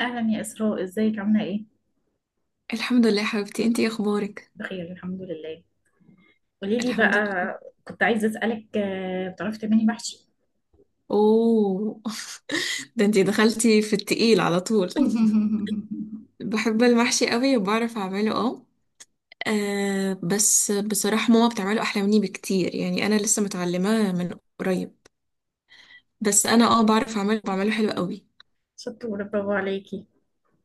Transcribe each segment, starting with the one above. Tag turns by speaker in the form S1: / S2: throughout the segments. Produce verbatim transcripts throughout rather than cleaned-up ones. S1: اهلا يا اسراء، ازيك، عامله ايه؟
S2: الحمد لله يا حبيبتي، انتي ايه اخبارك؟
S1: بخير الحمد لله. قولي لي
S2: الحمد لله.
S1: بقى. كنت عايزه اسالك آه، بتعرفي تعملي محشي؟
S2: اوه. ده انتي دخلتي في التقيل على طول! بحب المحشي قوي وبعرف اعمله، اه. آه، بس بصراحة ماما بتعمله احلى مني بكتير، يعني انا لسه متعلمة من قريب. بس انا اه بعرف اعمله، بعمله حلو قوي.
S1: شطوره، برافو عليكي.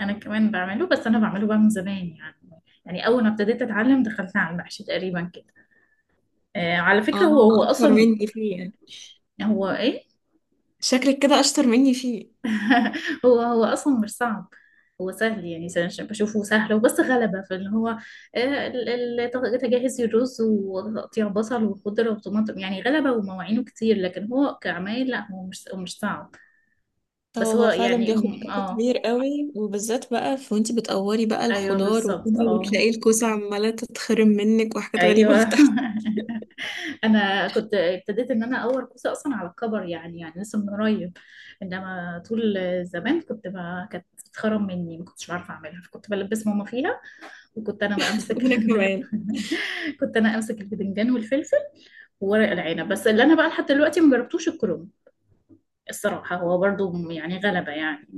S1: انا كمان بعمله، بس انا بعمله بقى من زمان يعني يعني اول ما ابتديت اتعلم دخلت على المحشي تقريبا كده. آه، على فكره،
S2: اه،
S1: هو هو
S2: اكتر
S1: اصلا.
S2: مني فيه يعني.
S1: هو ايه؟
S2: شكلك كده اشطر مني فيه.
S1: هو هو اصلا مش صعب. هو سهل يعني، س- بشوفه سهل وبس غلبة، فاللي هو آه، ال- ال- تجهز الرز وتقطيع بصل وخضرة وطماطم، يعني غلبة ومواعينه كتير، لكن هو كعمايل لا، هو مش هو مش صعب.
S2: اه،
S1: بس هو
S2: هو فعلا
S1: يعني
S2: بياخد
S1: م-
S2: وقت
S1: اه.
S2: كبير قوي، وبالذات بقى في وانتي بتقوري بقى
S1: ايوه
S2: الخضار وكده،
S1: بالظبط، اه.
S2: وتلاقي الكوسة عمالة تتخرم منك وحاجات غريبة.
S1: ايوه. انا كنت ابتديت ان انا اقور كوسه اصلا على الكبر، يعني يعني لسه من قريب. انما طول زمان كنت، ما كانت بتتخرم مني، ما كنتش بعرف اعملها، فكنت بلبس ماما فيها. وكنت انا بقى امسك
S2: وانا
S1: ال-
S2: كمان.
S1: كنت انا امسك البدنجان والفلفل وورق العنب، بس اللي انا بقى لحد دلوقتي ما جربتوش الكرنب. الصراحه هو برضو يعني غلبه يعني.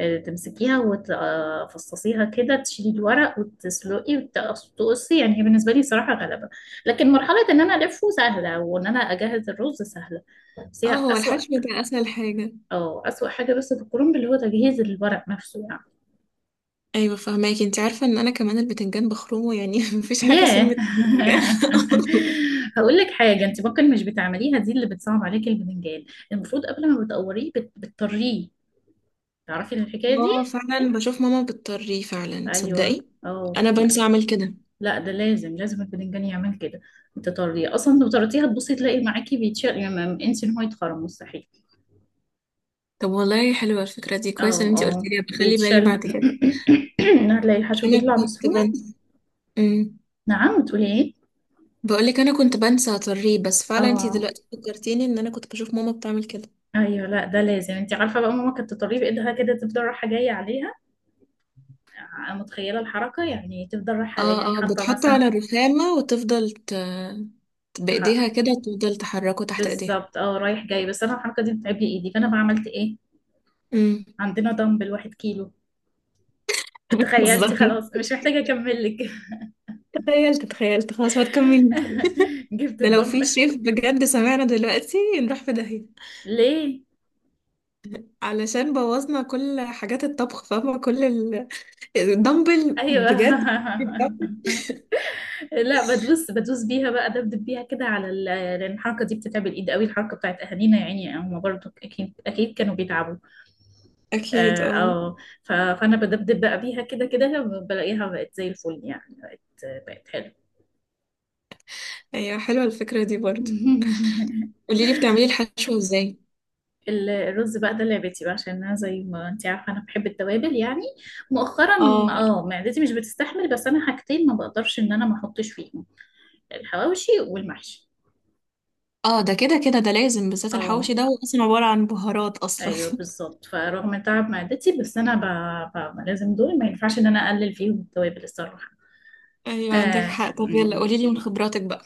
S1: آه، تمسكيها وتفصصيها كده، تشيلي الورق وتسلقي وتقصي، يعني هي بالنسبه لي صراحه غلبه. لكن مرحله ان انا الفه سهله، وان انا اجهز الرز سهله، بس
S2: اه،
S1: هي
S2: هو
S1: اسوأ.
S2: الحشو ده اسهل حاجه.
S1: اه اسوأ حاجه بس في الكرنب اللي هو تجهيز الورق نفسه.
S2: ايوه فهماكي، انت عارفه ان انا كمان البتنجان بخرمه يعني، مفيش حاجه
S1: ياه.
S2: سلمة. البتنجان.
S1: هقول لك حاجه، انت ممكن مش بتعمليها، دي اللي بتصعب عليك البتنجان. المفروض قبل ما بتقوريه بت... بتطريه. تعرفي الحكايه دي؟
S2: اه فعلا بشوف ماما بتطريه فعلا،
S1: ايوه،
S2: تصدقي؟
S1: اه.
S2: انا بنسى اعمل كده.
S1: لا ده لازم لازم البتنجان يعمل كده، تطريه. اصلا لو طريتيها تبصي تلاقي معاكي بيتشال، يعني ما- انسي ان هو يتخرم، مستحيل.
S2: طب والله حلوه الفكره دي، كويس ان
S1: اه.
S2: انت قلت
S1: اه
S2: لي، بخلي بالي
S1: بيتشال.
S2: بعد كده.
S1: هتلاقي الحشو
S2: انا
S1: بيطلع
S2: كنت
S1: بسهوله.
S2: بنسى. امم
S1: نعم، بتقولي ايه؟
S2: بقول لك انا كنت بنسى اطريه، بس فعلا انت
S1: اه
S2: دلوقتي فكرتيني ان انا كنت بشوف ماما بتعمل كده.
S1: ايوه، لا ده لازم، انت عارفه بقى ماما كانت تطريه بايدها كده، تفضل رايحه جايه عليها. متخيلة الحركة، يعني تفضل رايحة،
S2: اه
S1: يعني
S2: اه،
S1: حاطة
S2: بتحط
S1: مثلا.
S2: على الرخامه وتفضل ت...
S1: تح-
S2: بايديها كده تفضل تحركه تحت ايديها.
S1: بالظبط، اه، رايح جاي. بس انا الحركة دي بتعب لي ايدي، فانا بقى عملت ايه؟
S2: امم.
S1: عندنا دمبل واحد كيلو. تخيلتي؟
S2: بالظبط.
S1: خلاص مش محتاجة اكمل لك.
S2: تخيلت، تخيلت خلاص، ما تكملي.
S1: جبت
S2: ده لو في
S1: الدمبل.
S2: شيف بجد سمعنا دلوقتي نروح في داهية،
S1: ليه؟
S2: علشان بوظنا كل حاجات الطبخ، فاهمة؟ كل ال- الدمبل
S1: ايوه.
S2: بجد.
S1: لا، بدوس بدوس بيها بقى، دبدب بيها كده على ال... لان الحركة دي بتتعب الايد قوي، الحركة بتاعت اهالينا، يعني هم برضو اكيد اكيد كانوا بيتعبوا.
S2: اكيد
S1: اه،
S2: اه.
S1: آه. ف... فانا بدبدب بقى بيها كده كده، بلاقيها بقت زي الفل يعني، بقت حلوة.
S2: ايوه، حلوة الفكرة دي برضه. قولي لي بتعملي الحشو ازاي؟
S1: ال- الرز بقى ده لعبتي بقى، عشان انا زي ما انت عارفه انا بحب التوابل يعني. مؤخرا
S2: اه
S1: اه، معدتي مش بتستحمل، بس انا حاجتين ما بقدرش ان انا ما احطش فيهم: الحواوشي والمحشي.
S2: اه، ده كده كده، ده لازم، بالذات
S1: اه
S2: الحواوشي ده هو اصلا عبارة عن بهارات اصلا.
S1: ايوه بالظبط، فرغم تعب معدتي، بس انا ب... ب... لازم دول ما ينفعش ان انا اقلل فيهم التوابل الصراحه.
S2: ايوه عندك
S1: آه.
S2: حق. طب يلا
S1: مم.
S2: قولي لي من خبراتك بقى.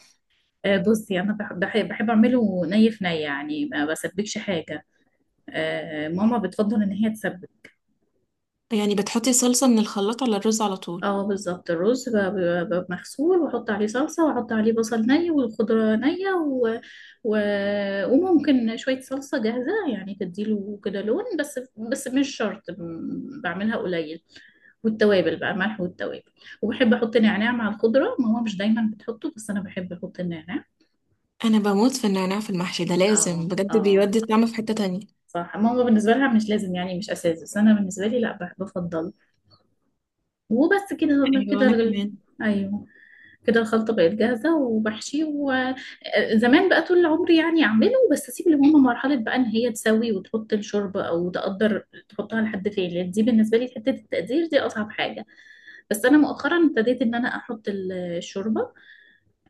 S1: آه بصي، انا بح- بح- بحب اعمله ني في ني، يعني ما بسبكش حاجه. آه ماما بتفضل ان هي تسبك.
S2: يعني بتحطي صلصة من الخلاط على الرز على طول؟
S1: اه بالظبط، الرز ب- ب- ب- مغسول، واحط عليه صلصة، واحط عليه بصل ني، والخضرة نية، و... و... وممكن شوية صلصة جاهزة، يعني تديله كده لون، بس بس مش شرط، م- بعملها قليل. والتوابل بقى ملح والتوابل. وبحب احط نعناع مع الخضرة، ماما مش دايما بتحطه، بس انا بحب احط النعناع.
S2: انا بموت في النعناع في المحشي، ده
S1: اه
S2: لازم بجد،
S1: اه،
S2: بيودي الطعم في حتة تانية.
S1: صح، ماما بالنسبة لها مش لازم يعني، مش اساس، بس انا بالنسبة لي لا، بح- بفضل. وبس كده
S2: ايوه
S1: كده
S2: انا
S1: ال-
S2: كمان.
S1: ايوه كده الخلطة بقت جاهزة، وبحشي. وزمان بقى طول عمري يعني أعمله، بس أسيب لماما مرحلة بقى، إن هي تسوي وتحط الشوربة أو تقدر تحطها لحد فين، لأن دي بالنسبة لي حتة التقدير دي أصعب حاجة. بس أنا مؤخرا ابتديت إن أنا أحط ال- الشوربة.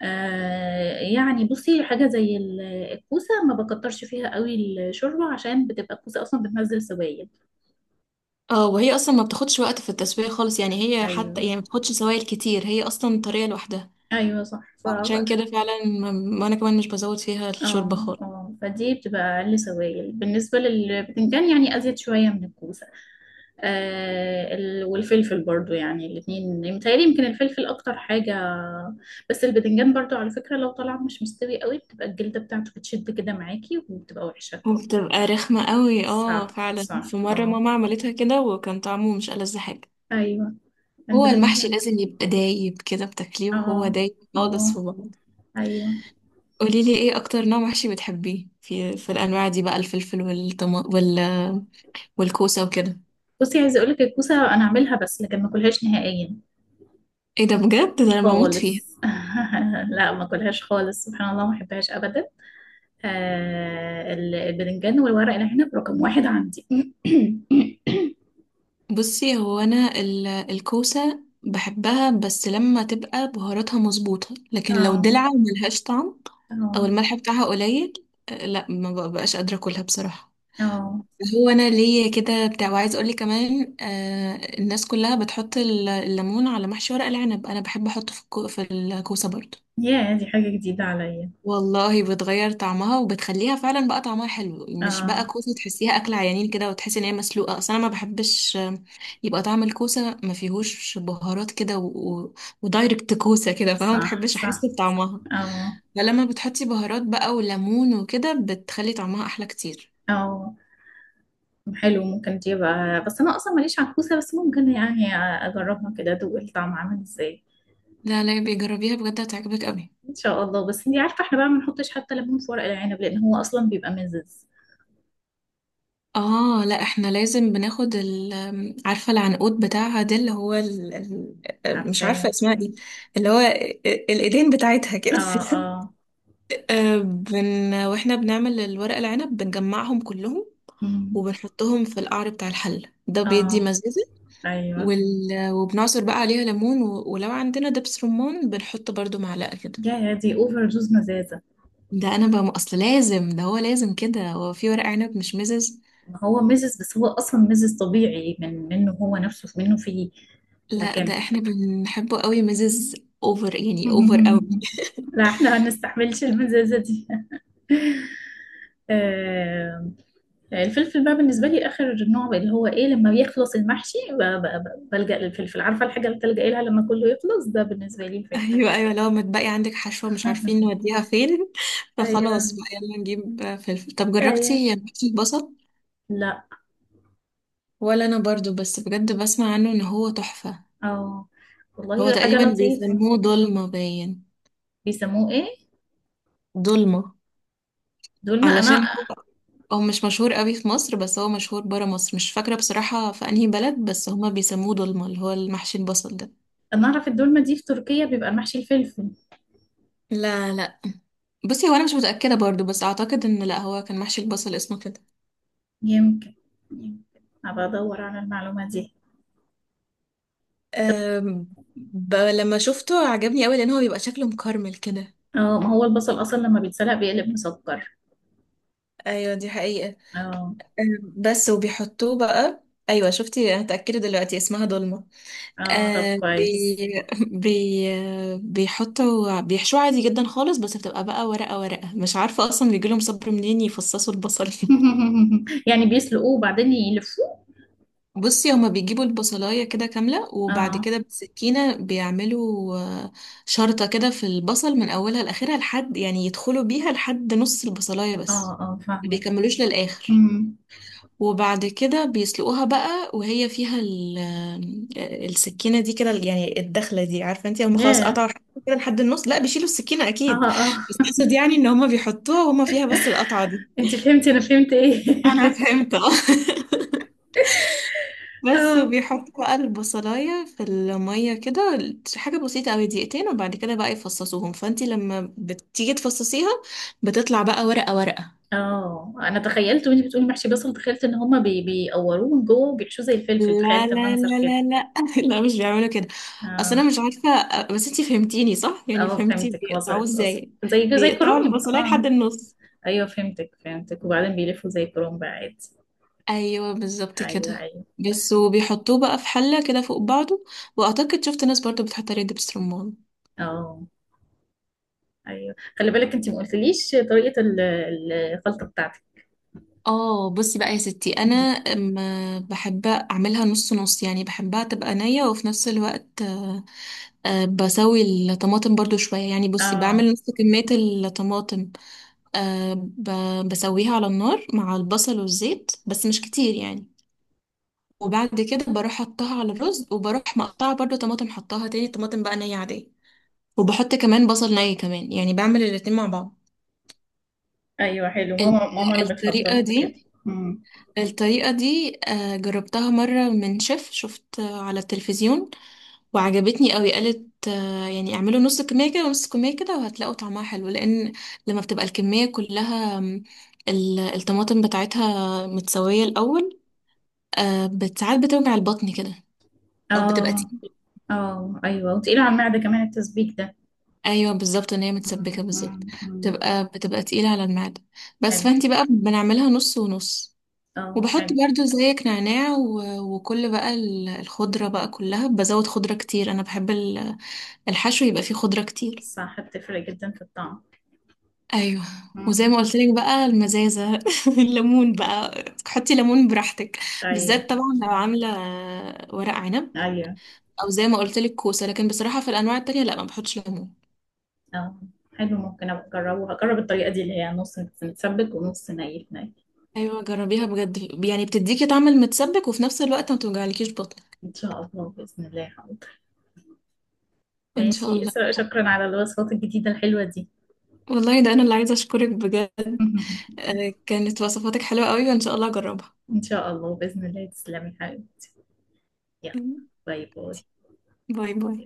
S1: آه يعني بصي، حاجة زي ال- الكوسة ما بكترش فيها قوي الشوربة، عشان بتبقى الكوسة أصلا بتنزل سوائل.
S2: اه، وهي اصلا ما بتاخدش وقت في التسوية خالص، يعني هي حتى
S1: أيوه.
S2: يعني ما بتاخدش سوائل كتير، هي اصلا طرية لوحدها.
S1: أيوه صح. ف...
S2: عشان كده فعلا ما- وانا كمان مش بزود فيها الشوربة
S1: اه
S2: خالص.
S1: اه فدي بتبقى أقل سوائل، بالنسبة للبتنجان يعني أزيد شوية من الكوسة. آه ال- والفلفل برضو، يعني الاتنين، متهيألي يمكن الفلفل أكتر حاجة. بس البتنجان برضو على فكرة، لو طلع مش مستوي قوي بتبقى الجلدة بتاعته بتشد كده معاكي، وبتبقى وحشة.
S2: وبتبقى رخمة قوي، اه
S1: صح
S2: فعلا،
S1: صح،
S2: في مرة
S1: اه.
S2: ماما عملتها كده وكان طعمه مش ألذ حاجة.
S1: أيوه.
S2: هو المحشي
S1: البتنجان.
S2: لازم يبقى دايب كده، بتاكليه وهو
S1: اه
S2: دايب خالص
S1: اه.
S2: في بعض.
S1: أيوه.
S2: قوليلي ايه اكتر نوع محشي بتحبيه في في الانواع دي بقى، الفلفل والطما وال... والكوسة وكده؟
S1: بصي، عايزة أقولك الكوسة أنا أعملها بس لكن ما أكلهاش نهائيا،
S2: ايه ده بجد! ده انا بموت فيها.
S1: خالص. لا، ما أكلهاش خالص، سبحان الله ما أحبهاش أبدا. آه ال- البتنجان والورق العنب رقم واحد عندي.
S2: بصي، هو انا ال- الكوسه بحبها بس لما تبقى بهاراتها مظبوطه، لكن لو
S1: اه
S2: دلع وملهاش طعم
S1: اه
S2: او الملح بتاعها قليل، آه، لا ما ببقاش قادره اكلها بصراحه.
S1: اه.
S2: هو انا ليا كده بتاع، وعايز اقول لك كمان آه، الناس كلها بتحط ال- الليمون على محشي ورق العنب، انا بحب احطه في الكو- في الكوسه برضو.
S1: يا دي حاجة جديدة عليا.
S2: والله بتغير طعمها وبتخليها فعلا بقى طعمها حلو، مش بقى
S1: اه،
S2: كوسه تحسيها اكل عيانين كده، وتحسي ان هي مسلوقه، اصل انا ما بحبش يبقى طعم الكوسة ما فيهوش بهارات كده و... و... ودايركت كوسة كده، فاهمة؟ ما
S1: صح
S2: بحبش احس
S1: صح.
S2: بطعمها.
S1: اه
S2: فلما بتحطي بهارات بقى وليمون وكده، بتخلي طعمها احلى كتير.
S1: اه. حلو، ممكن تجيبها، بس انا اصلا ماليش عكوسة، بس ممكن يعني اجربها كده، ادوق الطعم عامل ازاي.
S2: لا لا، بيجربيها بجد هتعجبك قوي.
S1: ان شاء الله. بس انتي عارفة احنا بقى ما بنحطش حتى ليمون في ورق العنب، لان هو اصلا بيبقى مزز.
S2: اه، لا احنا لازم بناخد ال... عارفة العنقود بتاعها ده اللي هو ال... ال... مش
S1: عارفاه.
S2: عارفة اسمها ايه، اللي هو ال- الايدين بتاعتها
S1: اه
S2: كده.
S1: اه.
S2: آه، بن... واحنا بنعمل الورق العنب بنجمعهم كلهم،
S1: أمم.
S2: وبنحطهم في القعر بتاع الحلة، ده بيدي
S1: اه
S2: مزازة
S1: ايوه.
S2: وال... وبنعصر بقى عليها ليمون و... ولو عندنا دبس رمان بنحط برضو معلقة كده.
S1: يا يا دي اوفر دوز مزازة.
S2: ده انا بقى اصل لازم، ده هو لازم كده، هو في ورق عنب مش مزز؟
S1: ما هو مزز، بس هو اصلا مزز طبيعي، من منه هو نفسه منه فيه.
S2: لا ده
S1: لكن.
S2: احنا بنحبه قوي مزز، اوفر يعني، اوفر قوي.
S1: لا احنا ما نستحملش المزازة دي. آه، الفلفل بقى بالنسبة لي آخر نوع بقى، اللي هو إيه، لما بيخلص المحشي ب- ب- ب- بلجأ للفلفل. عارفة الحاجة اللي بتلجأ لها لما كله يخلص؟ ده بالنسبة لي الفلفل.
S2: ايوه ايوه، لو متبقي عندك حشوة مش عارفين نوديها فين، فخلاص
S1: أيوه،
S2: بقى يلا نجيب فلفل. طب
S1: أيوه،
S2: جربتي محشي البصل؟
S1: لا.
S2: ولا انا برضو، بس بجد بسمع عنه ان هو تحفة.
S1: أو. والله
S2: هو
S1: ده حاجة
S2: تقريبا
S1: لطيفة.
S2: بيسموه ضلمة باين.
S1: بيسموه إيه؟
S2: ضلمة.
S1: دولمة. أنا
S2: علشان هو، هو مش مشهور قوي في مصر، بس هو مشهور برا مصر، مش فاكرة بصراحة في انهي بلد، بس هما بيسموه dolma، اللي هو المحشي البصل ده.
S1: أنا أعرف الدولمة دي في تركيا بيبقى المحشي الفلفل.
S2: لا لا، بصي هو انا مش متأكدة برضو، بس اعتقد ان لا، هو كان محشي البصل اسمه كده.
S1: يمكن يمكن، أبقى أدور على المعلومة دي. طب.
S2: أم... ب... لما شفته عجبني قوي، لان هو بيبقى شكله مكرمل كده.
S1: اه، ما هو البصل أصلا لما بيتسلق بيقلب مسكر.
S2: ايوه دي حقيقة.
S1: اه
S2: أم، بس وبيحطوه بقى. ايوه شفتي، انا اتاكدت دلوقتي اسمها دولمة.
S1: اه طب
S2: آه
S1: كويس.
S2: بي بي آه، بيحطوا، بيحشوه عادي جدا خالص، بس بتبقى بقى ورقة ورقة، مش عارفة أصلا بيجيلهم صبر منين يفصصوا البصل.
S1: يعني بيسلقوه وبعدين يلفوه؟
S2: بصي هما بيجيبوا البصلاية كده كاملة، وبعد
S1: اه
S2: كده بالسكينة بيعملوا آه، شرطة كده في البصل من أولها لآخرها، لحد يعني يدخلوا بيها لحد نص البصلاية بس،
S1: اه اه
S2: ما
S1: فاهمة.
S2: بيكملوش للآخر.
S1: أمم.
S2: وبعد كده بيسلقوها بقى وهي فيها ال- آه، السكينة دي كده، يعني الدخلة دي، عارفة انت هم خلاص
S1: ياه.
S2: قطعوا حتة كده لحد النص، لا بيشيلوا السكينة
S1: اه
S2: أكيد،
S1: اه.
S2: بس أقصد يعني إن هم بيحطوها وهم فيها بس القطعة دي.
S1: انت فهمتي انا فهمت ايه.
S2: أنا فهمت اه. بس
S1: اه
S2: وبيحطوا بقى البصلاية في المية كده، حاجة بسيطة أوي دقيقتين، وبعد كده بقى يفصصوهم، فانت لما بتيجي تفصصيها بتطلع بقى ورقة ورقة.
S1: اه، انا تخيلت وانت بتقولي محشي بصل، تخيلت ان هما بي بيقوروه من جوه وبيحشوه زي الفلفل،
S2: لا
S1: تخيلت
S2: لا
S1: المنظر
S2: لا
S1: كده.
S2: لا لا، لا مش بيعملوا كده. اصل
S1: اه
S2: انا مش عارفه، بس انتي فهمتيني صح، يعني
S1: اه
S2: فهمتي
S1: فهمتك،
S2: بيقطعوه
S1: وصلت وصلت،
S2: ازاي.
S1: زي زي
S2: بيقطعوا
S1: كرنب،
S2: البصلايه
S1: اه.
S2: لحد النص.
S1: ايوه فهمتك فهمتك، وبعدين بيلفوا زي كرنب عادي.
S2: ايوه بالظبط
S1: ايوه
S2: كده.
S1: ايوه.
S2: بس وبيحطوه بقى في حله كده فوق بعضه، واعتقد شفت ناس برضو بتحط عليه دبس رمان.
S1: اه ايوه، خلي بالك انت ما قلتليش طريقة ال- الخلطة بتاعتك.
S2: اه بصي بقى يا ستي، انا ما بحب اعملها نص نص، يعني بحبها تبقى نيه وفي نفس الوقت آه، آه، بسوي الطماطم برضو شويه، يعني بصي
S1: اه
S2: بعمل نص كميه الطماطم. أه ب- بسويها على النار مع البصل والزيت بس مش كتير يعني، وبعد كده بروح حطها على الرز، وبروح مقطعة برضو طماطم حطها، تاني طماطم بقى نية عادية، وبحط كمان بصل ني كمان، يعني بعمل الاتنين مع بعض.
S1: ايوه حلو،
S2: ال-
S1: ماما ماما اللي
S2: الطريقة
S1: بتفضل كده.
S2: دي
S1: مم.
S2: الطريقة دي آه، جربتها مرة من شيف، شفت آه، على التلفزيون، وعجبتني قوي. قالت آه، يعني اعملوا نص كمية كده ونص كمية كده، وهتلاقوا طعمها حلو، لان لما بتبقى الكمية كلها م، ال- الطماطم بتاعتها متسوية الاول، آه، بت- ساعات بتوجع البطن كده، او بتبقى
S1: اه
S2: تقيلة.
S1: اه ايوه، وتقيل على المعدة كمان التسبيك ده.
S2: ايوه بالظبط، ان هي متسبكة
S1: مم. مم.
S2: بالظبط،
S1: مم.
S2: بتبقى بتبقى تقيلة على المعدة. بس
S1: حلو.
S2: فانتي بقى بنعملها نص ونص،
S1: اه
S2: وبحط
S1: حلو.
S2: برضو زيك نعناع و- وكل بقى ال- الخضرة بقى كلها، بزود خضرة كتير، انا بحب ال- الحشو يبقى فيه خضرة كتير.
S1: صح بتفرق جدا في الطعم.
S2: ايوه. وزي
S1: مم.
S2: ما قلت لك بقى، المزازه، الليمون بقى، حطي ليمون براحتك،
S1: ايوه
S2: بالذات طبعا لو عامله ورق عنب،
S1: ايوه،
S2: او زي ما قلت لك كوسه، لكن بصراحه في الانواع التانية لا، ما بحطش ليمون.
S1: اه حلو، ممكن ابقى اجربه، هجرب الطريقة دي اللي هي نص متسبك ونص ني في ني.
S2: ايوه جربيها بجد، يعني بتديكي طعم المتسبك وفي نفس الوقت ما توجعلكيش بطن.
S1: ان شاء الله بإذن الله حاضر.
S2: ان شاء
S1: ماشي
S2: الله.
S1: اسراء، شكرا على الوصفات الجديدة الحلوة دي.
S2: والله ده انا اللي عايزه اشكرك بجد، آه، كانت وصفاتك حلوه قوي وان شاء الله اجربها.
S1: إن شاء الله بإذن الله، تسلمي حبيبي. يلا. باي باي.
S2: باي باي.